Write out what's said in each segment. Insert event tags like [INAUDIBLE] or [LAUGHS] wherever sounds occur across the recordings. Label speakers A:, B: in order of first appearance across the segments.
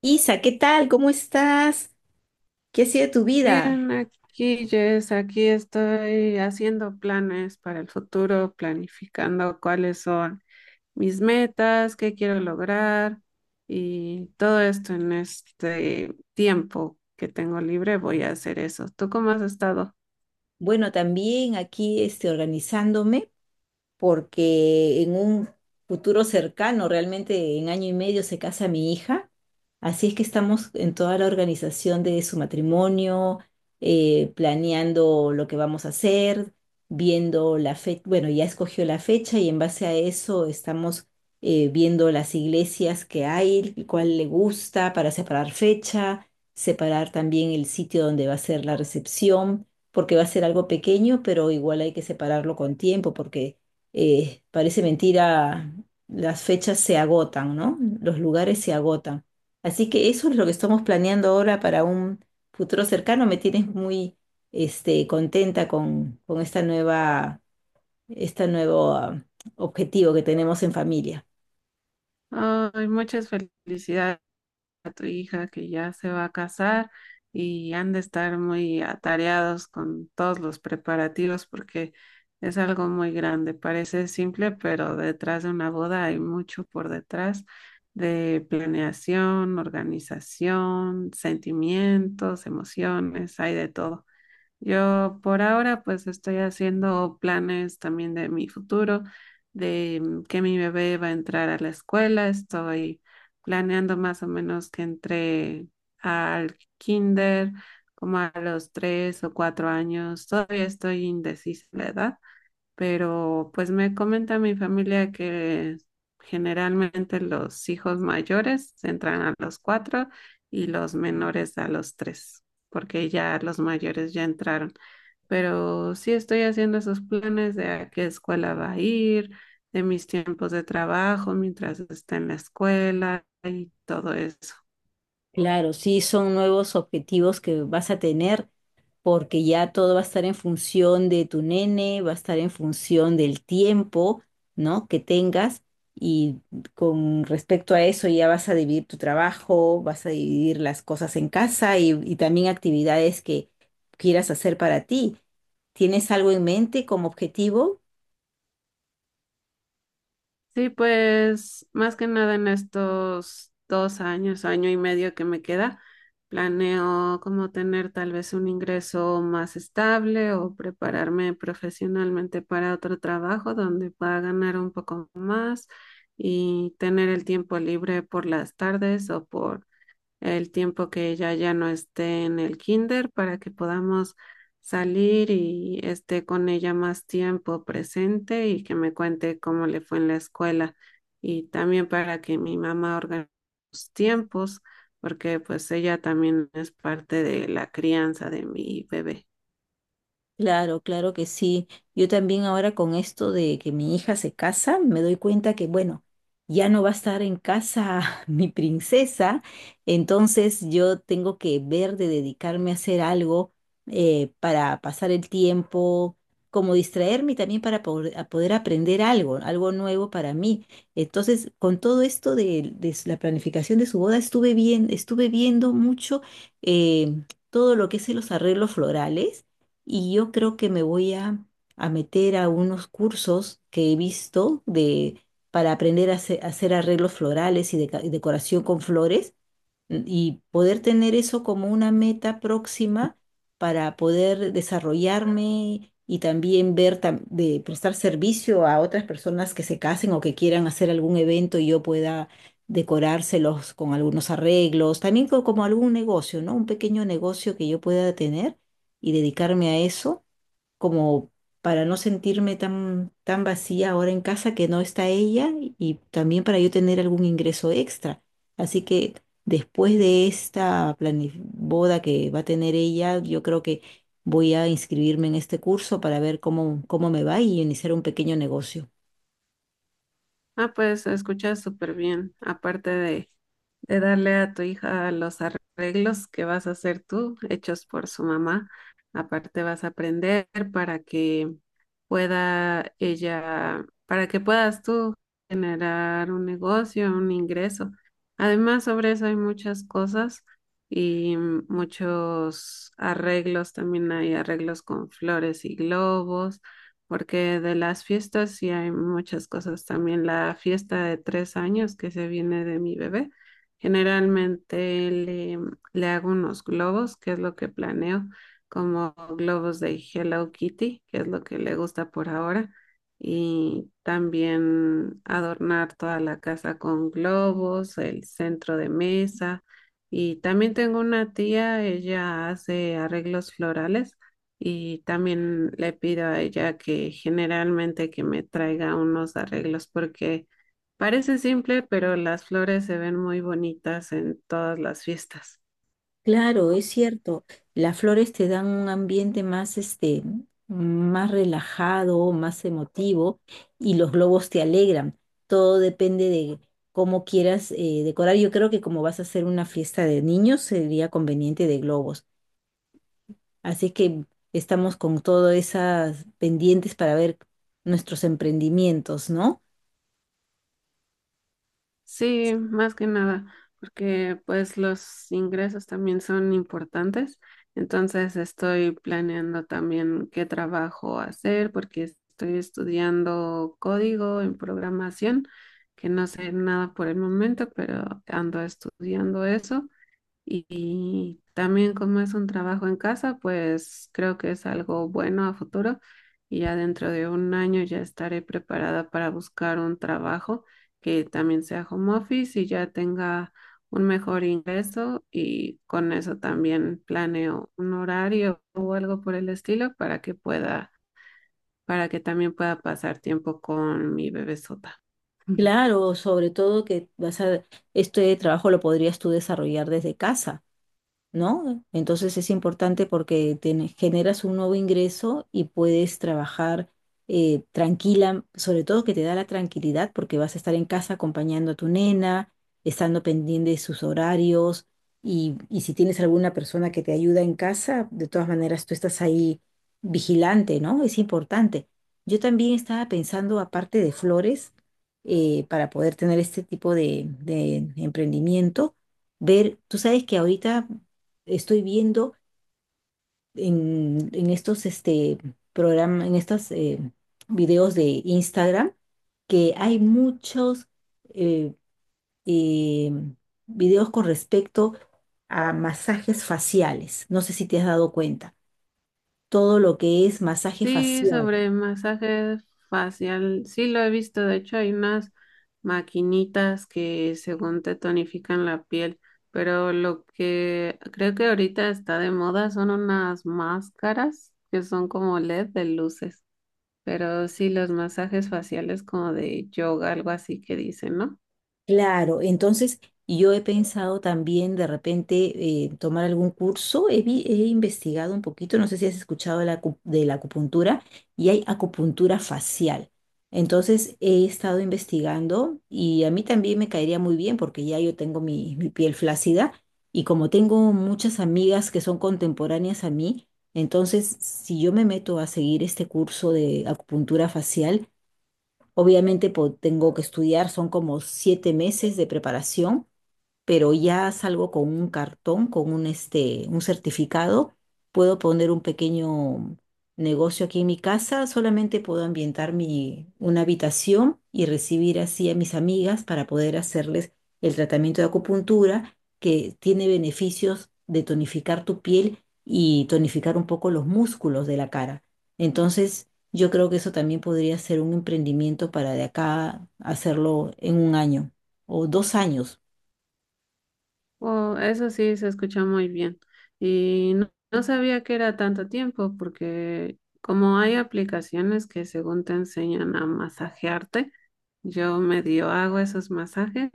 A: Isa, ¿qué tal? ¿Cómo estás? ¿Qué ha sido tu vida?
B: Bien, aquí Jess, aquí estoy haciendo planes para el futuro, planificando cuáles son mis metas, qué quiero lograr y todo esto en este tiempo que tengo libre voy a hacer eso. ¿Tú cómo has estado?
A: Bueno, también aquí organizándome porque en un futuro cercano, realmente en 1 año y medio, se casa mi hija. Así es que estamos en toda la organización de su matrimonio, planeando lo que vamos a hacer, viendo la fecha, bueno, ya escogió la fecha y en base a eso estamos viendo las iglesias que hay, cuál le gusta para separar fecha, separar también el sitio donde va a ser la recepción, porque va a ser algo pequeño, pero igual hay que separarlo con tiempo, porque parece mentira, las fechas se agotan, ¿no? Los lugares se agotan. Así que eso es lo que estamos planeando ahora para un futuro cercano. Me tienes muy, contenta con esta nueva, este nuevo, objetivo que tenemos en familia.
B: Ay, muchas felicidades. A tu hija que ya se va a casar y han de estar muy atareados con todos los preparativos porque es algo muy grande. Parece simple, pero detrás de una boda hay mucho por detrás de planeación, organización, sentimientos, emociones, hay de todo. Yo por ahora pues estoy haciendo planes también de mi futuro, de que mi bebé va a entrar a la escuela. Estoy planeando más o menos que entre al kinder como a los 3 o 4 años. Todavía estoy indecisa de la edad, pero pues me comenta mi familia que generalmente los hijos mayores entran a los cuatro y los menores a los tres, porque ya los mayores ya entraron. Pero sí estoy haciendo esos planes de a qué escuela va a ir, de mis tiempos de trabajo mientras está en la escuela y todo eso.
A: Claro, sí, son nuevos objetivos que vas a tener porque ya todo va a estar en función de tu nene, va a estar en función del tiempo, ¿no? que tengas y con respecto a eso ya vas a dividir tu trabajo, vas a dividir las cosas en casa y también actividades que quieras hacer para ti. ¿Tienes algo en mente como objetivo?
B: Sí, pues más que nada en estos 2 años, año y medio que me queda, planeo como tener tal vez un ingreso más estable o prepararme profesionalmente para otro trabajo donde pueda ganar un poco más y tener el tiempo libre por las tardes o por el tiempo que ella ya no esté en el kinder para que podamos salir y esté con ella más tiempo presente y que me cuente cómo le fue en la escuela y también para que mi mamá organice los tiempos porque pues ella también es parte de la crianza de mi bebé.
A: Claro, claro que sí. Yo también ahora con esto de que mi hija se casa, me doy cuenta que, bueno, ya no va a estar en casa [LAUGHS] mi princesa, entonces yo tengo que ver de dedicarme a hacer algo para pasar el tiempo, como distraerme y también para poder aprender algo, algo nuevo para mí. Entonces, con todo esto de la planificación de su boda, estuve bien, estuve viendo mucho eh, todo lo que es los arreglos florales y yo creo que me voy a meter a unos cursos que he visto de, para aprender a hacer arreglos florales y, y decoración con flores, y poder tener eso como una meta próxima para poder desarrollarme y también de prestar servicio a otras personas que se casen o que quieran hacer algún evento y yo pueda decorárselos con algunos arreglos, también como algún negocio, ¿no? Un pequeño negocio que yo pueda tener y dedicarme a eso como para no sentirme tan, tan vacía ahora en casa que no está ella y también para yo tener algún ingreso extra. Así que después de esta boda que va a tener ella, yo creo que voy a inscribirme en este curso para ver cómo, cómo me va y iniciar un pequeño negocio.
B: Ah, pues se escucha súper bien. Aparte de darle a tu hija los arreglos que vas a hacer tú, hechos por su mamá, aparte vas a aprender para que pueda ella, para que puedas tú generar un negocio, un ingreso. Además, sobre eso hay muchas cosas y muchos arreglos. También hay arreglos con flores y globos porque de las fiestas sí hay muchas cosas. También la fiesta de 3 años que se viene de mi bebé, generalmente le hago unos globos, que es lo que planeo, como globos de Hello Kitty, que es lo que le gusta por ahora. Y también adornar toda la casa con globos, el centro de mesa. Y también tengo una tía, ella hace arreglos florales y también le pido a ella que generalmente que me traiga unos arreglos porque parece simple, pero las flores se ven muy bonitas en todas las fiestas.
A: Claro, es cierto. Las flores te dan un ambiente más, más relajado, más emotivo y los globos te alegran. Todo depende de cómo quieras decorar. Yo creo que como vas a hacer una fiesta de niños, sería conveniente de globos. Así que estamos con todas esas pendientes para ver nuestros emprendimientos, ¿no?
B: Sí, más que nada, porque pues los ingresos también son importantes. Entonces estoy planeando también qué trabajo hacer porque estoy estudiando código en programación, que no sé nada por el momento, pero ando estudiando eso. Y también como es un trabajo en casa, pues creo que es algo bueno a futuro y ya dentro de un año ya estaré preparada para buscar un trabajo que también sea home office y ya tenga un mejor ingreso y con eso también planeo un horario o algo por el estilo para que pueda, para que también pueda pasar tiempo con mi bebesota. [LAUGHS]
A: Claro, sobre todo que vas a, este trabajo lo podrías tú desarrollar desde casa. ¿No? Entonces es importante porque tienes- generas un nuevo ingreso y puedes trabajar tranquila, sobre todo que te da la tranquilidad porque vas a estar en casa acompañando a tu nena, estando pendiente de sus horarios y si tienes alguna persona que te ayuda en casa, de todas maneras tú estás ahí vigilante, ¿no? Es importante. Yo también estaba pensando, aparte de flores, para poder tener este tipo de emprendimiento, ver, tú sabes que ahorita estoy viendo en estos programas, en estos videos de Instagram, que hay muchos eh, eh, videos con respecto a masajes faciales. No sé si te has dado cuenta. Todo lo que es masaje
B: Sí,
A: facial.
B: sobre masaje facial, sí lo he visto. De hecho, hay unas maquinitas que según te tonifican la piel, pero lo que creo que ahorita está de moda son unas máscaras que son como LED de luces. Pero sí, los masajes faciales como de yoga, algo así que dicen, ¿no?
A: Claro, entonces yo he pensado también de repente tomar algún curso, he investigado un poquito, no sé si has escuchado de de la acupuntura y hay acupuntura facial. Entonces he estado investigando y a mí también me caería muy bien porque ya yo tengo mi piel flácida y como tengo muchas amigas que son contemporáneas a mí, entonces si yo me meto a seguir este curso de acupuntura facial, obviamente tengo que estudiar, son como 7 meses de preparación, pero ya salgo con un cartón, con un, un certificado, puedo poner un pequeño negocio aquí en mi casa, solamente puedo ambientar una habitación y recibir así a mis amigas para poder hacerles el tratamiento de acupuntura, que tiene beneficios de tonificar tu piel y tonificar un poco los músculos de la cara. Entonces, yo creo que eso también podría ser un emprendimiento para de acá hacerlo en 1 año o 2 años.
B: Oh, eso sí, se escucha muy bien. Y no, no sabía que era tanto tiempo, porque como hay aplicaciones que según te enseñan a masajearte, yo medio hago esos masajes,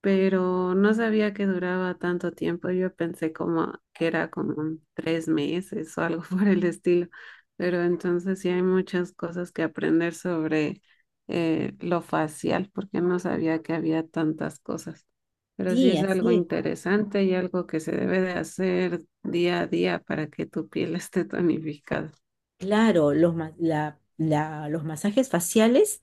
B: pero no sabía que duraba tanto tiempo. Yo pensé como que era como un 3 meses o algo [LAUGHS] por el estilo. Pero entonces sí hay muchas cosas que aprender sobre lo facial, porque no sabía que había tantas cosas. Pero sí
A: Sí,
B: es algo
A: así es.
B: interesante y algo que se debe de hacer día a día para que tu piel [LAUGHS] esté tonificada.
A: Claro, los, los masajes faciales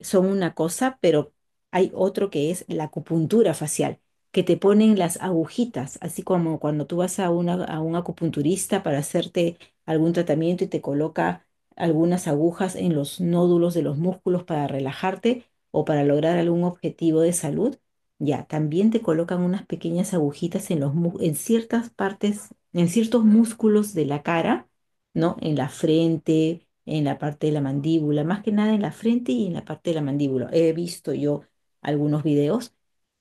A: son una cosa, pero hay otro que es la acupuntura facial, que te ponen las agujitas, así como cuando tú vas a un acupunturista para hacerte algún tratamiento y te coloca algunas agujas en los nódulos de los músculos para relajarte o para lograr algún objetivo de salud. Ya, también te colocan unas pequeñas agujitas en en ciertas partes, en ciertos músculos de la cara, ¿no? En la frente, en la parte de la mandíbula, más que nada en la frente y en la parte de la mandíbula. He visto yo algunos videos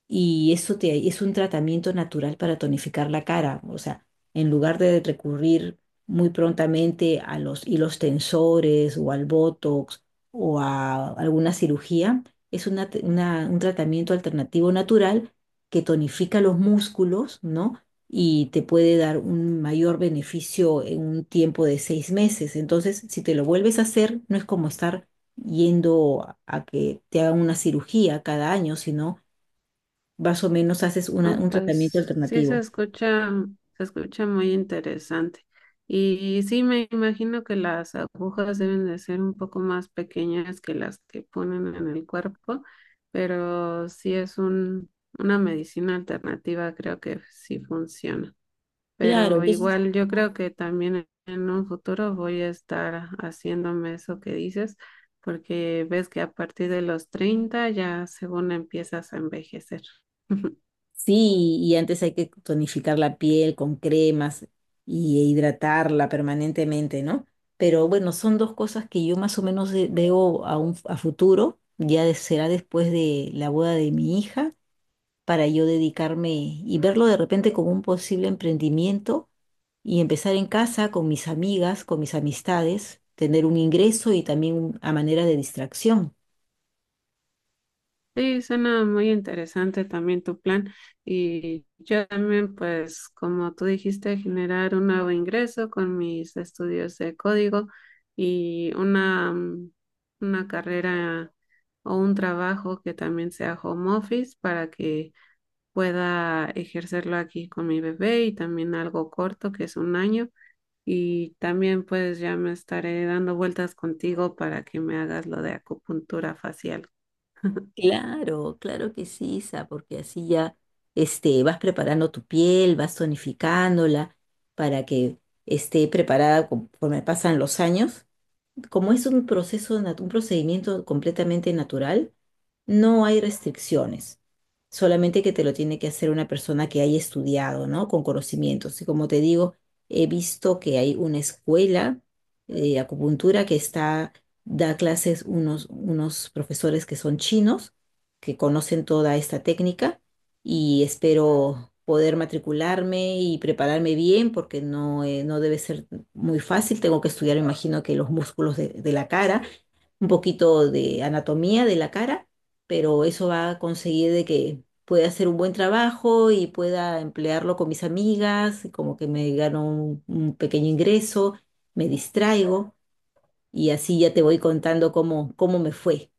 A: y eso te, es un tratamiento natural para tonificar la cara. O sea, en lugar de recurrir muy prontamente a los hilos tensores o al Botox o a alguna cirugía, es un tratamiento alternativo natural que tonifica los músculos, ¿no? Y te puede dar un mayor beneficio en un tiempo de 6 meses. Entonces, si te lo vuelves a hacer, no es como estar yendo a que te hagan una cirugía cada año, sino más o menos haces
B: Ah,
A: un tratamiento
B: pues sí se
A: alternativo.
B: escucha, se escucha muy interesante. Y sí me imagino que las agujas deben de ser un poco más pequeñas que las que ponen en el cuerpo, pero sí es un, una medicina alternativa, creo que sí funciona.
A: Claro,
B: Pero
A: entonces
B: igual yo creo que también en un futuro voy a estar haciéndome eso que dices, porque ves que a partir de los 30 ya según empiezas a envejecer. [LAUGHS]
A: sí, y antes hay que tonificar la piel con cremas y e hidratarla permanentemente, ¿no? Pero bueno, son dos cosas que yo más o menos veo a futuro, ya será después de la boda de mi hija, para yo dedicarme y verlo de repente como un posible emprendimiento y empezar en casa con mis amigas, con mis amistades, tener un ingreso y también a manera de distracción.
B: Sí, suena muy interesante también tu plan y yo también pues como tú dijiste generar un nuevo ingreso con mis estudios de código y una carrera o un trabajo que también sea home office para que pueda ejercerlo aquí con mi bebé y también algo corto que es un año y también pues ya me estaré dando vueltas contigo para que me hagas lo de acupuntura facial.
A: Claro, claro que sí, Isa, porque así ya vas preparando tu piel, vas tonificándola para que esté preparada conforme pasan los años. Como es un proceso, un procedimiento completamente natural, no hay restricciones. Solamente que te lo tiene que hacer una persona que haya estudiado, ¿no? Con conocimientos. Y como te digo, he visto que hay una escuela de acupuntura que está, da clases unos, unos profesores que son chinos, que conocen toda esta técnica y espero poder matricularme y prepararme bien porque no, no debe ser muy fácil. Tengo que estudiar, me imagino que los músculos de la cara, un poquito de anatomía de la cara, pero eso va a conseguir de que pueda hacer un buen trabajo y pueda emplearlo con mis amigas, y como que me gano un pequeño ingreso, me distraigo y así ya te voy contando cómo, cómo me fue.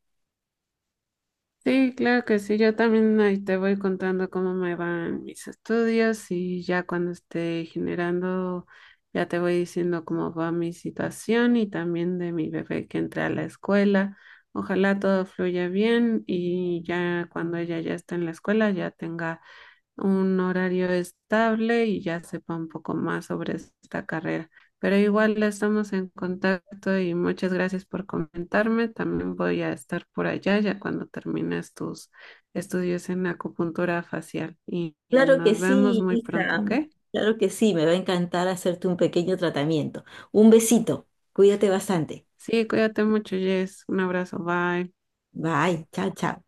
B: Sí, claro que sí. Yo también ahí te voy contando cómo me van mis estudios y ya cuando esté generando, ya te voy diciendo cómo va mi situación y también de mi bebé que entra a la escuela. Ojalá todo fluya bien y ya cuando ella ya esté en la escuela ya tenga un horario estable y ya sepa un poco más sobre esta carrera. Pero igual estamos en contacto y muchas gracias por comentarme. También voy a estar por allá ya cuando termines tus estudios en acupuntura facial. Y
A: Claro que
B: nos vemos
A: sí,
B: muy pronto,
A: Isa.
B: ¿ok?
A: Claro que sí, me va a encantar hacerte un pequeño tratamiento. Un besito. Cuídate bastante.
B: Sí, cuídate mucho, Jess. Un abrazo, bye.
A: Bye. Chao, chao.